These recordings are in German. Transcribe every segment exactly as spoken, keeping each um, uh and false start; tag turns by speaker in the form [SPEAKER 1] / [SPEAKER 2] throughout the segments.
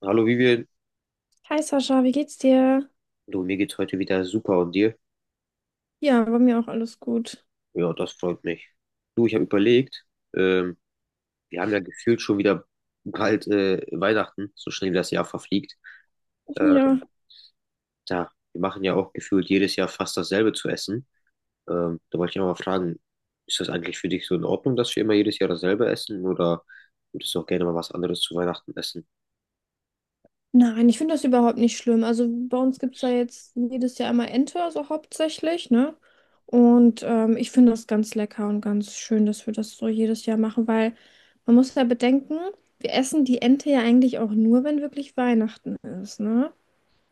[SPEAKER 1] Hallo Vivian,
[SPEAKER 2] Hi Sascha, wie geht's dir?
[SPEAKER 1] du, mir geht's heute wieder super und dir?
[SPEAKER 2] Ja, bei mir auch alles gut.
[SPEAKER 1] Ja, das freut mich. Du, ich habe überlegt, ähm, wir haben ja gefühlt schon wieder bald äh, Weihnachten, so schnell wie das Jahr verfliegt. Äh,
[SPEAKER 2] Ja.
[SPEAKER 1] da, Wir machen ja auch gefühlt jedes Jahr fast dasselbe zu essen. Ähm, da wollte ich auch mal fragen, ist das eigentlich für dich so in Ordnung, dass wir immer jedes Jahr dasselbe essen, oder würdest du auch gerne mal was anderes zu Weihnachten essen?
[SPEAKER 2] Nein, ich finde das überhaupt nicht schlimm. Also bei uns gibt es ja jetzt jedes Jahr einmal Ente, also hauptsächlich, ne? Und ähm, ich finde das ganz lecker und ganz schön, dass wir das so jedes Jahr machen, weil man muss ja bedenken, wir essen die Ente ja eigentlich auch nur, wenn wirklich Weihnachten ist, ne?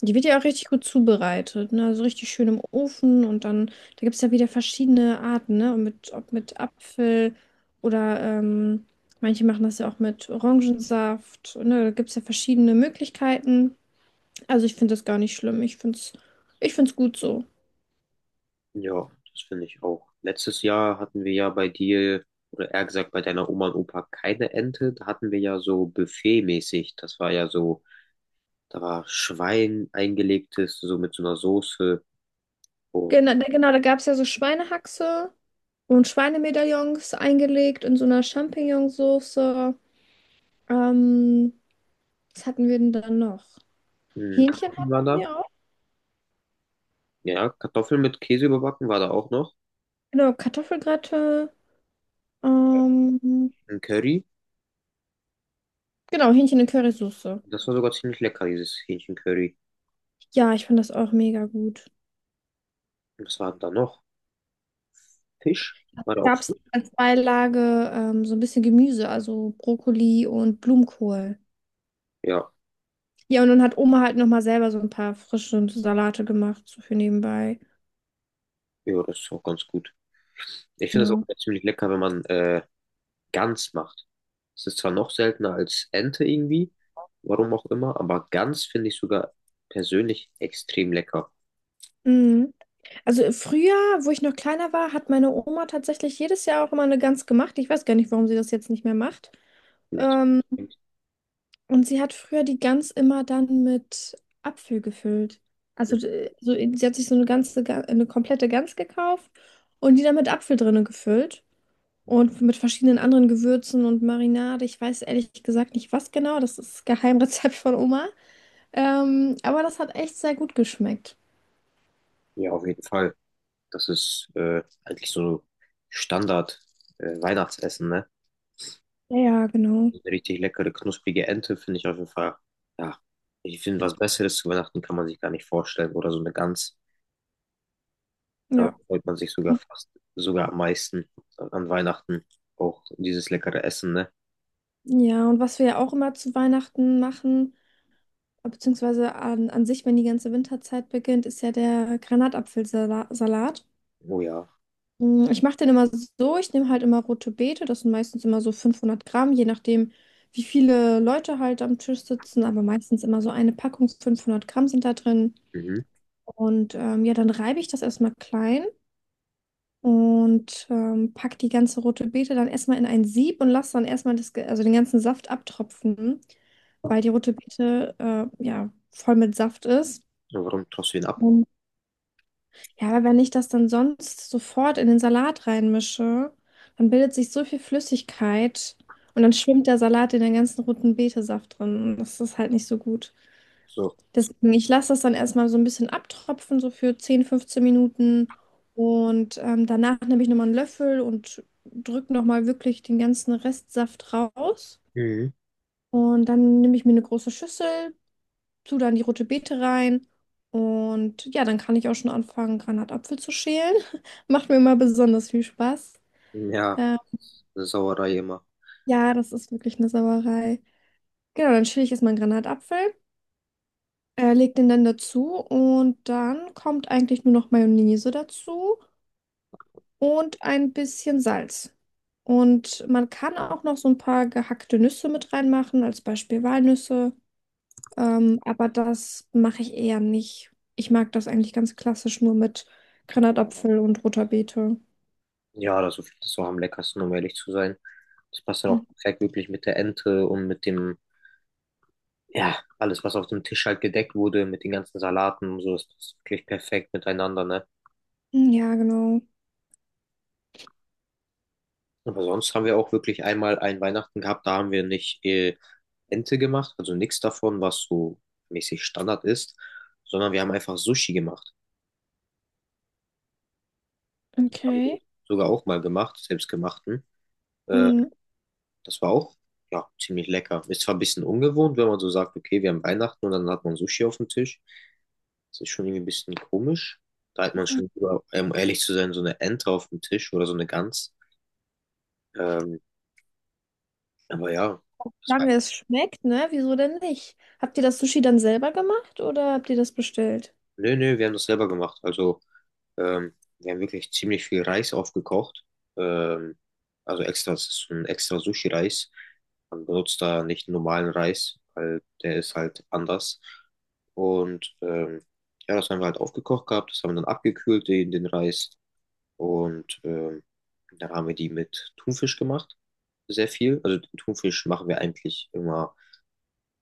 [SPEAKER 2] Die wird ja auch richtig gut zubereitet, ne? Also richtig schön im Ofen und dann, da gibt es ja wieder verschiedene Arten, ne? Und mit, ob mit Apfel oder ähm, manche machen das ja auch mit Orangensaft, ne? Da gibt es ja verschiedene Möglichkeiten. Also ich finde das gar nicht schlimm. Ich finde es, ich finde es gut so.
[SPEAKER 1] Ja, das finde ich auch. Letztes Jahr hatten wir ja bei dir, oder eher gesagt bei deiner Oma und Opa, keine Ente. Da hatten wir ja so buffetmäßig. Das war ja so, da war Schwein eingelegtes, so mit so einer Soße und
[SPEAKER 2] Genau, da- genau, da gab es ja so Schweinehaxe und Schweinemedaillons eingelegt in so einer Champignonsauce. Ähm, Was hatten wir denn dann noch?
[SPEAKER 1] mh,
[SPEAKER 2] Hähnchen
[SPEAKER 1] Kartoffeln waren
[SPEAKER 2] hatten
[SPEAKER 1] da.
[SPEAKER 2] wir auch.
[SPEAKER 1] Ja, Kartoffeln mit Käse überbacken war da auch noch.
[SPEAKER 2] Genau, Kartoffelgratin. Ähm,
[SPEAKER 1] Ein Curry.
[SPEAKER 2] genau, Hähnchen in Currysoße.
[SPEAKER 1] Das war sogar ziemlich lecker, dieses Hähnchencurry.
[SPEAKER 2] Ja, ich fand das auch mega gut.
[SPEAKER 1] Und was war denn da noch? Fisch? War da auch
[SPEAKER 2] Gab es
[SPEAKER 1] Fisch?
[SPEAKER 2] als Beilage ähm, so ein bisschen Gemüse, also Brokkoli und Blumenkohl.
[SPEAKER 1] Ja,
[SPEAKER 2] Ja, und dann hat Oma halt nochmal selber so ein paar frische Salate gemacht, so für nebenbei.
[SPEAKER 1] ja, das ist auch ganz gut. Ich finde das auch
[SPEAKER 2] Ja.
[SPEAKER 1] ziemlich lecker, wenn man äh, Gans macht. Es ist zwar noch seltener als Ente irgendwie, warum auch immer, aber Gans finde ich sogar persönlich extrem lecker.
[SPEAKER 2] Mhm. Also früher, wo ich noch kleiner war, hat meine Oma tatsächlich jedes Jahr auch immer eine Gans gemacht. Ich weiß gar nicht, warum sie das jetzt nicht mehr macht.
[SPEAKER 1] Vielleicht-
[SPEAKER 2] Ähm, Und sie hat früher die Gans immer dann mit Apfel gefüllt. Also d- äh, so, sie hat sich so eine ganze, Ga- eine komplette Gans gekauft und die dann mit Apfel drinne gefüllt. Und mit verschiedenen anderen Gewürzen und Marinade. Ich weiß ehrlich gesagt nicht, was genau. Das ist Geheimrezept von Oma. Ähm, aber das hat echt sehr gut geschmeckt.
[SPEAKER 1] ja, auf jeden Fall. Das ist äh, eigentlich so Standard äh, Weihnachtsessen, ne?
[SPEAKER 2] Ja, ja, genau.
[SPEAKER 1] So eine richtig leckere, knusprige Ente finde ich auf jeden Fall. Ja, ich finde, was Besseres zu Weihnachten kann man sich gar nicht vorstellen. Oder so eine Gans. Darauf
[SPEAKER 2] Ja.
[SPEAKER 1] freut man sich sogar fast, sogar am meisten an Weihnachten. Auch dieses leckere Essen, ne?
[SPEAKER 2] Ja, und was wir ja auch immer zu Weihnachten machen, beziehungsweise an, an sich, wenn die ganze Winterzeit beginnt, ist ja der Granatapfelsalat.
[SPEAKER 1] Oh ja.
[SPEAKER 2] Mm, Ich mache den immer so, ich nehme halt immer rote Beete, das sind meistens immer so fünfhundert Gramm, je nachdem, wie viele Leute halt am Tisch sitzen, aber meistens immer so eine Packung, fünfhundert Gramm sind da drin.
[SPEAKER 1] Mhm.
[SPEAKER 2] Und ähm, ja, dann reibe ich das erstmal klein und ähm, pack die ganze rote Beete dann erstmal in ein Sieb und lasse dann erstmal das, ge- also den ganzen Saft abtropfen, weil die rote Beete äh, ja voll mit Saft ist.
[SPEAKER 1] Ja, warum tust du ihn ab?
[SPEAKER 2] Ja, aber wenn ich das dann sonst sofort in den Salat reinmische, dann bildet sich so viel Flüssigkeit und dann schwimmt der Salat in den ganzen roten Betesaft drin. Und das ist halt nicht so gut.
[SPEAKER 1] So.
[SPEAKER 2] Deswegen, ich lasse das dann erstmal so ein bisschen abtropfen, so für zehn fünfzehn Minuten. Und ähm, danach nehme ich nochmal einen Löffel und drücke nochmal wirklich den ganzen Restsaft raus.
[SPEAKER 1] Mhm.
[SPEAKER 2] Und dann nehme ich mir eine große Schüssel, tue dann die rote Beete rein und ja, dann kann ich auch schon anfangen, Granatapfel zu schälen. Macht mir immer besonders viel Spaß.
[SPEAKER 1] Ja,
[SPEAKER 2] Äh,
[SPEAKER 1] Sauerei immer.
[SPEAKER 2] ja, das ist wirklich eine Sauerei. Genau, dann schäle ich erstmal einen Granatapfel, äh, leg den dann dazu und dann kommt eigentlich nur noch Mayonnaise dazu und ein bisschen Salz. Und man kann auch noch so ein paar gehackte Nüsse mit reinmachen, als Beispiel Walnüsse. Ähm, aber das mache ich eher nicht. Ich mag das eigentlich ganz klassisch nur mit Granatapfel und roter Beete.
[SPEAKER 1] Ja, das ist das auch am leckersten, um ehrlich zu sein. Das passt dann auch
[SPEAKER 2] Mhm.
[SPEAKER 1] perfekt wirklich mit der Ente und mit dem, ja, alles, was auf dem Tisch halt gedeckt wurde, mit den ganzen Salaten und so, das passt wirklich perfekt miteinander, ne?
[SPEAKER 2] Ja, genau.
[SPEAKER 1] Aber sonst haben wir auch wirklich einmal ein Weihnachten gehabt, da haben wir nicht äh, Ente gemacht, also nichts davon, was so mäßig Standard ist, sondern wir haben einfach Sushi gemacht. Das haben wir
[SPEAKER 2] Okay.
[SPEAKER 1] sogar auch mal gemacht, selbstgemachten. Äh,
[SPEAKER 2] Mhm.
[SPEAKER 1] Das war auch, ja, ziemlich lecker. Ist zwar ein bisschen ungewohnt, wenn man so sagt, okay, wir haben Weihnachten und dann hat man Sushi auf dem Tisch. Das ist schon irgendwie ein bisschen komisch. Da hat man schon, lieber, um ehrlich zu sein, so eine Ente auf dem Tisch oder so eine Gans. Ähm, aber ja, das war,
[SPEAKER 2] Solange es schmeckt, ne? Wieso denn nicht? Habt ihr das Sushi dann selber gemacht oder habt ihr das bestellt?
[SPEAKER 1] nö, nö, wir haben das selber gemacht. Also Ähm, wir haben wirklich ziemlich viel Reis aufgekocht. Ähm, also extra, es ist so ein extra Sushi-Reis. Man benutzt da nicht normalen Reis, weil der ist halt anders. Und ähm, ja, das haben wir halt aufgekocht gehabt. Das haben wir dann abgekühlt, den, den Reis. Und ähm, dann haben wir die mit Thunfisch gemacht. Sehr viel. Also den Thunfisch machen wir eigentlich immer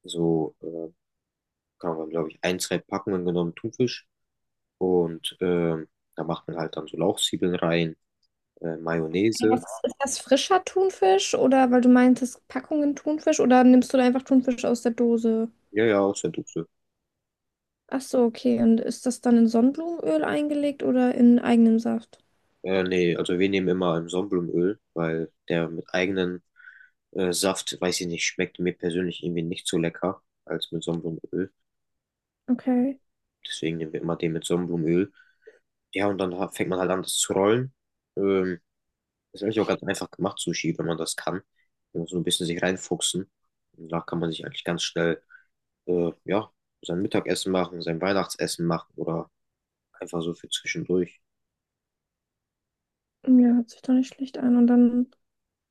[SPEAKER 1] so, äh, kann man, glaube ich, ein, zwei Packungen genommen Thunfisch. Und ähm, da macht man halt dann so Lauchzwiebeln rein. Äh,
[SPEAKER 2] Ja, was
[SPEAKER 1] Mayonnaise.
[SPEAKER 2] ist ist das frischer Thunfisch oder weil du meintest Packungen Thunfisch oder nimmst du da einfach Thunfisch aus der Dose?
[SPEAKER 1] Ja, ja, aus der Dose.
[SPEAKER 2] Ach so, okay. Und ist das dann in Sonnenblumenöl eingelegt oder in eigenem Saft?
[SPEAKER 1] Äh, nee, also wir nehmen immer ein Sonnenblumenöl, weil der mit eigenen äh, Saft, weiß ich nicht, schmeckt mir persönlich irgendwie nicht so lecker als mit Sonnenblumenöl.
[SPEAKER 2] Okay.
[SPEAKER 1] Deswegen nehmen wir immer den mit Sonnenblumenöl. Ja, und dann ha- fängt man halt an, das zu rollen. Ähm, Ist eigentlich auch ganz einfach gemacht, Sushi, wenn man das kann. Man muss so ein bisschen sich reinfuchsen. Und da kann man sich eigentlich ganz schnell, äh, ja, sein Mittagessen machen, sein Weihnachtsessen machen oder einfach so für zwischendurch.
[SPEAKER 2] Ja, hört sich doch nicht schlecht an. Und dann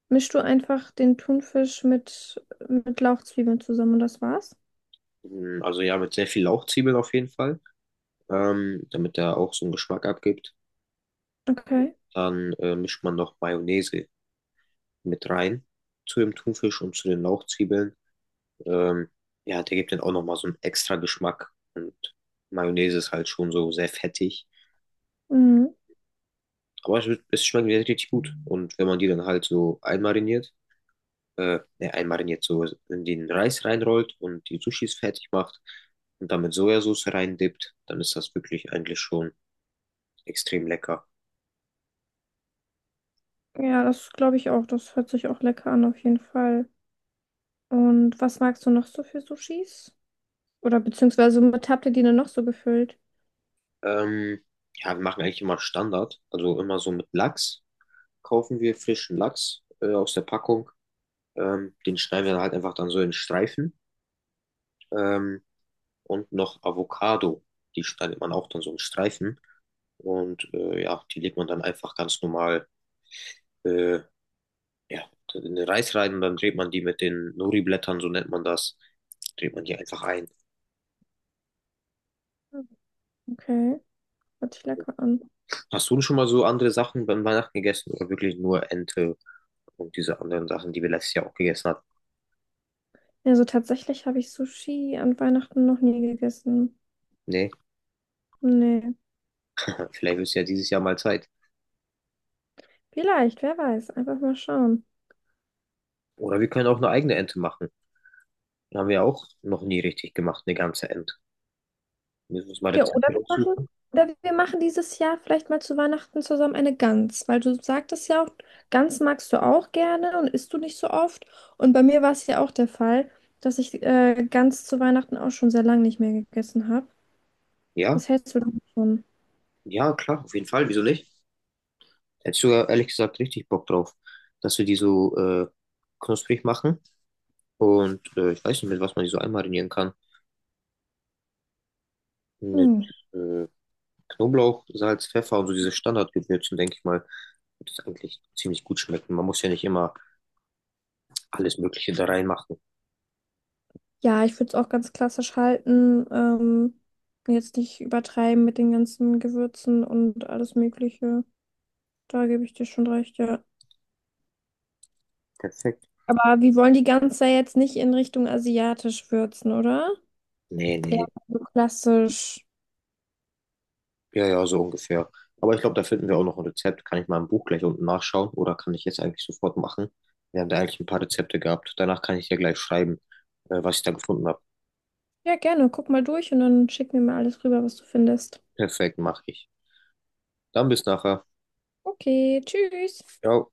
[SPEAKER 2] mischst du einfach den Thunfisch mit, mit Lauchzwiebeln zusammen und das war's?
[SPEAKER 1] Mm, also ja, mit sehr viel Lauchzwiebeln auf jeden Fall. Ähm, damit er auch so einen Geschmack abgibt.
[SPEAKER 2] Okay.
[SPEAKER 1] Dann äh, mischt man noch Mayonnaise mit rein zu dem Thunfisch und zu den Lauchzwiebeln. Ähm, ja, der gibt dann auch nochmal so einen extra Geschmack. Und Mayonnaise ist halt schon so sehr fettig.
[SPEAKER 2] Mhm.
[SPEAKER 1] Aber es, es schmeckt richtig gut. Und wenn man die dann halt so einmariniert, äh, ne, einmariniert so in den Reis reinrollt und die Sushis fertig macht und dann mit Sojasauce reindippt, dann ist das wirklich eigentlich schon extrem lecker.
[SPEAKER 2] Ja, das glaube ich auch. Das hört sich auch lecker an, auf jeden Fall. Und was magst du noch so für Sushis? Oder beziehungsweise mit habt ihr die denn noch so gefüllt?
[SPEAKER 1] Ähm, ja, wir machen eigentlich immer Standard. Also immer so mit Lachs, kaufen wir frischen Lachs äh, aus der Packung. Ähm, den schneiden wir dann halt einfach dann so in Streifen. Ähm, und noch Avocado. Die schneidet man auch dann so in Streifen. Und äh, ja, die legt man dann einfach ganz normal äh, ja, in den Reis rein und dann dreht man die mit den Nori-Blättern, so nennt man das, dreht man die einfach ein.
[SPEAKER 2] Okay, hört sich lecker an.
[SPEAKER 1] Hast du schon mal so andere Sachen beim Weihnachten gegessen oder wirklich nur Ente und diese anderen Sachen, die wir letztes Jahr auch gegessen hatten?
[SPEAKER 2] Also tatsächlich habe ich Sushi an Weihnachten noch nie gegessen.
[SPEAKER 1] Nee.
[SPEAKER 2] Nee,
[SPEAKER 1] Vielleicht ist ja dieses Jahr mal Zeit.
[SPEAKER 2] vielleicht, wer weiß. Einfach mal schauen.
[SPEAKER 1] Oder wir können auch eine eigene Ente machen. Haben wir auch noch nie richtig gemacht, eine ganze Ente. Müssen wir uns mal
[SPEAKER 2] Ja, oder
[SPEAKER 1] Rezepte
[SPEAKER 2] wir machen,
[SPEAKER 1] raussuchen.
[SPEAKER 2] oder wir machen dieses Jahr vielleicht mal zu Weihnachten zusammen eine Gans, weil du sagtest ja auch, Gans magst du auch gerne und isst du nicht so oft. Und bei mir war es ja auch der Fall, dass ich äh, Gans zu Weihnachten auch schon sehr lange nicht mehr gegessen habe.
[SPEAKER 1] Ja,
[SPEAKER 2] Was hältst du davon?
[SPEAKER 1] ja, klar, auf jeden Fall. Wieso nicht? Hätte ich sogar ehrlich gesagt richtig Bock drauf, dass wir die so äh, knusprig machen. Und äh, ich weiß nicht, mit was man die so einmarinieren kann. Mit
[SPEAKER 2] Hm.
[SPEAKER 1] äh, Knoblauch, Salz, Pfeffer und so diese Standardgewürzen, denke ich mal, wird es eigentlich ziemlich gut schmecken. Man muss ja nicht immer alles Mögliche da reinmachen.
[SPEAKER 2] Ja, ich würde es auch ganz klassisch halten. Ähm, jetzt nicht übertreiben mit den ganzen Gewürzen und alles Mögliche. Da gebe ich dir schon recht, ja.
[SPEAKER 1] Perfekt.
[SPEAKER 2] Aber wir wollen die Gans ja jetzt nicht in Richtung asiatisch würzen, oder?
[SPEAKER 1] Nee,
[SPEAKER 2] Ja,
[SPEAKER 1] nee.
[SPEAKER 2] so klassisch.
[SPEAKER 1] Ja, ja, so ungefähr. Aber ich glaube, da finden wir auch noch ein Rezept. Kann ich mal im Buch gleich unten nachschauen oder kann ich jetzt eigentlich sofort machen? Wir haben da eigentlich ein paar Rezepte gehabt. Danach kann ich dir gleich schreiben, äh, was ich da gefunden habe.
[SPEAKER 2] Ja, gerne. Guck mal durch und dann schick mir mal alles rüber, was du findest.
[SPEAKER 1] Perfekt, mache ich. Dann bis nachher.
[SPEAKER 2] Okay, tschüss.
[SPEAKER 1] Ciao.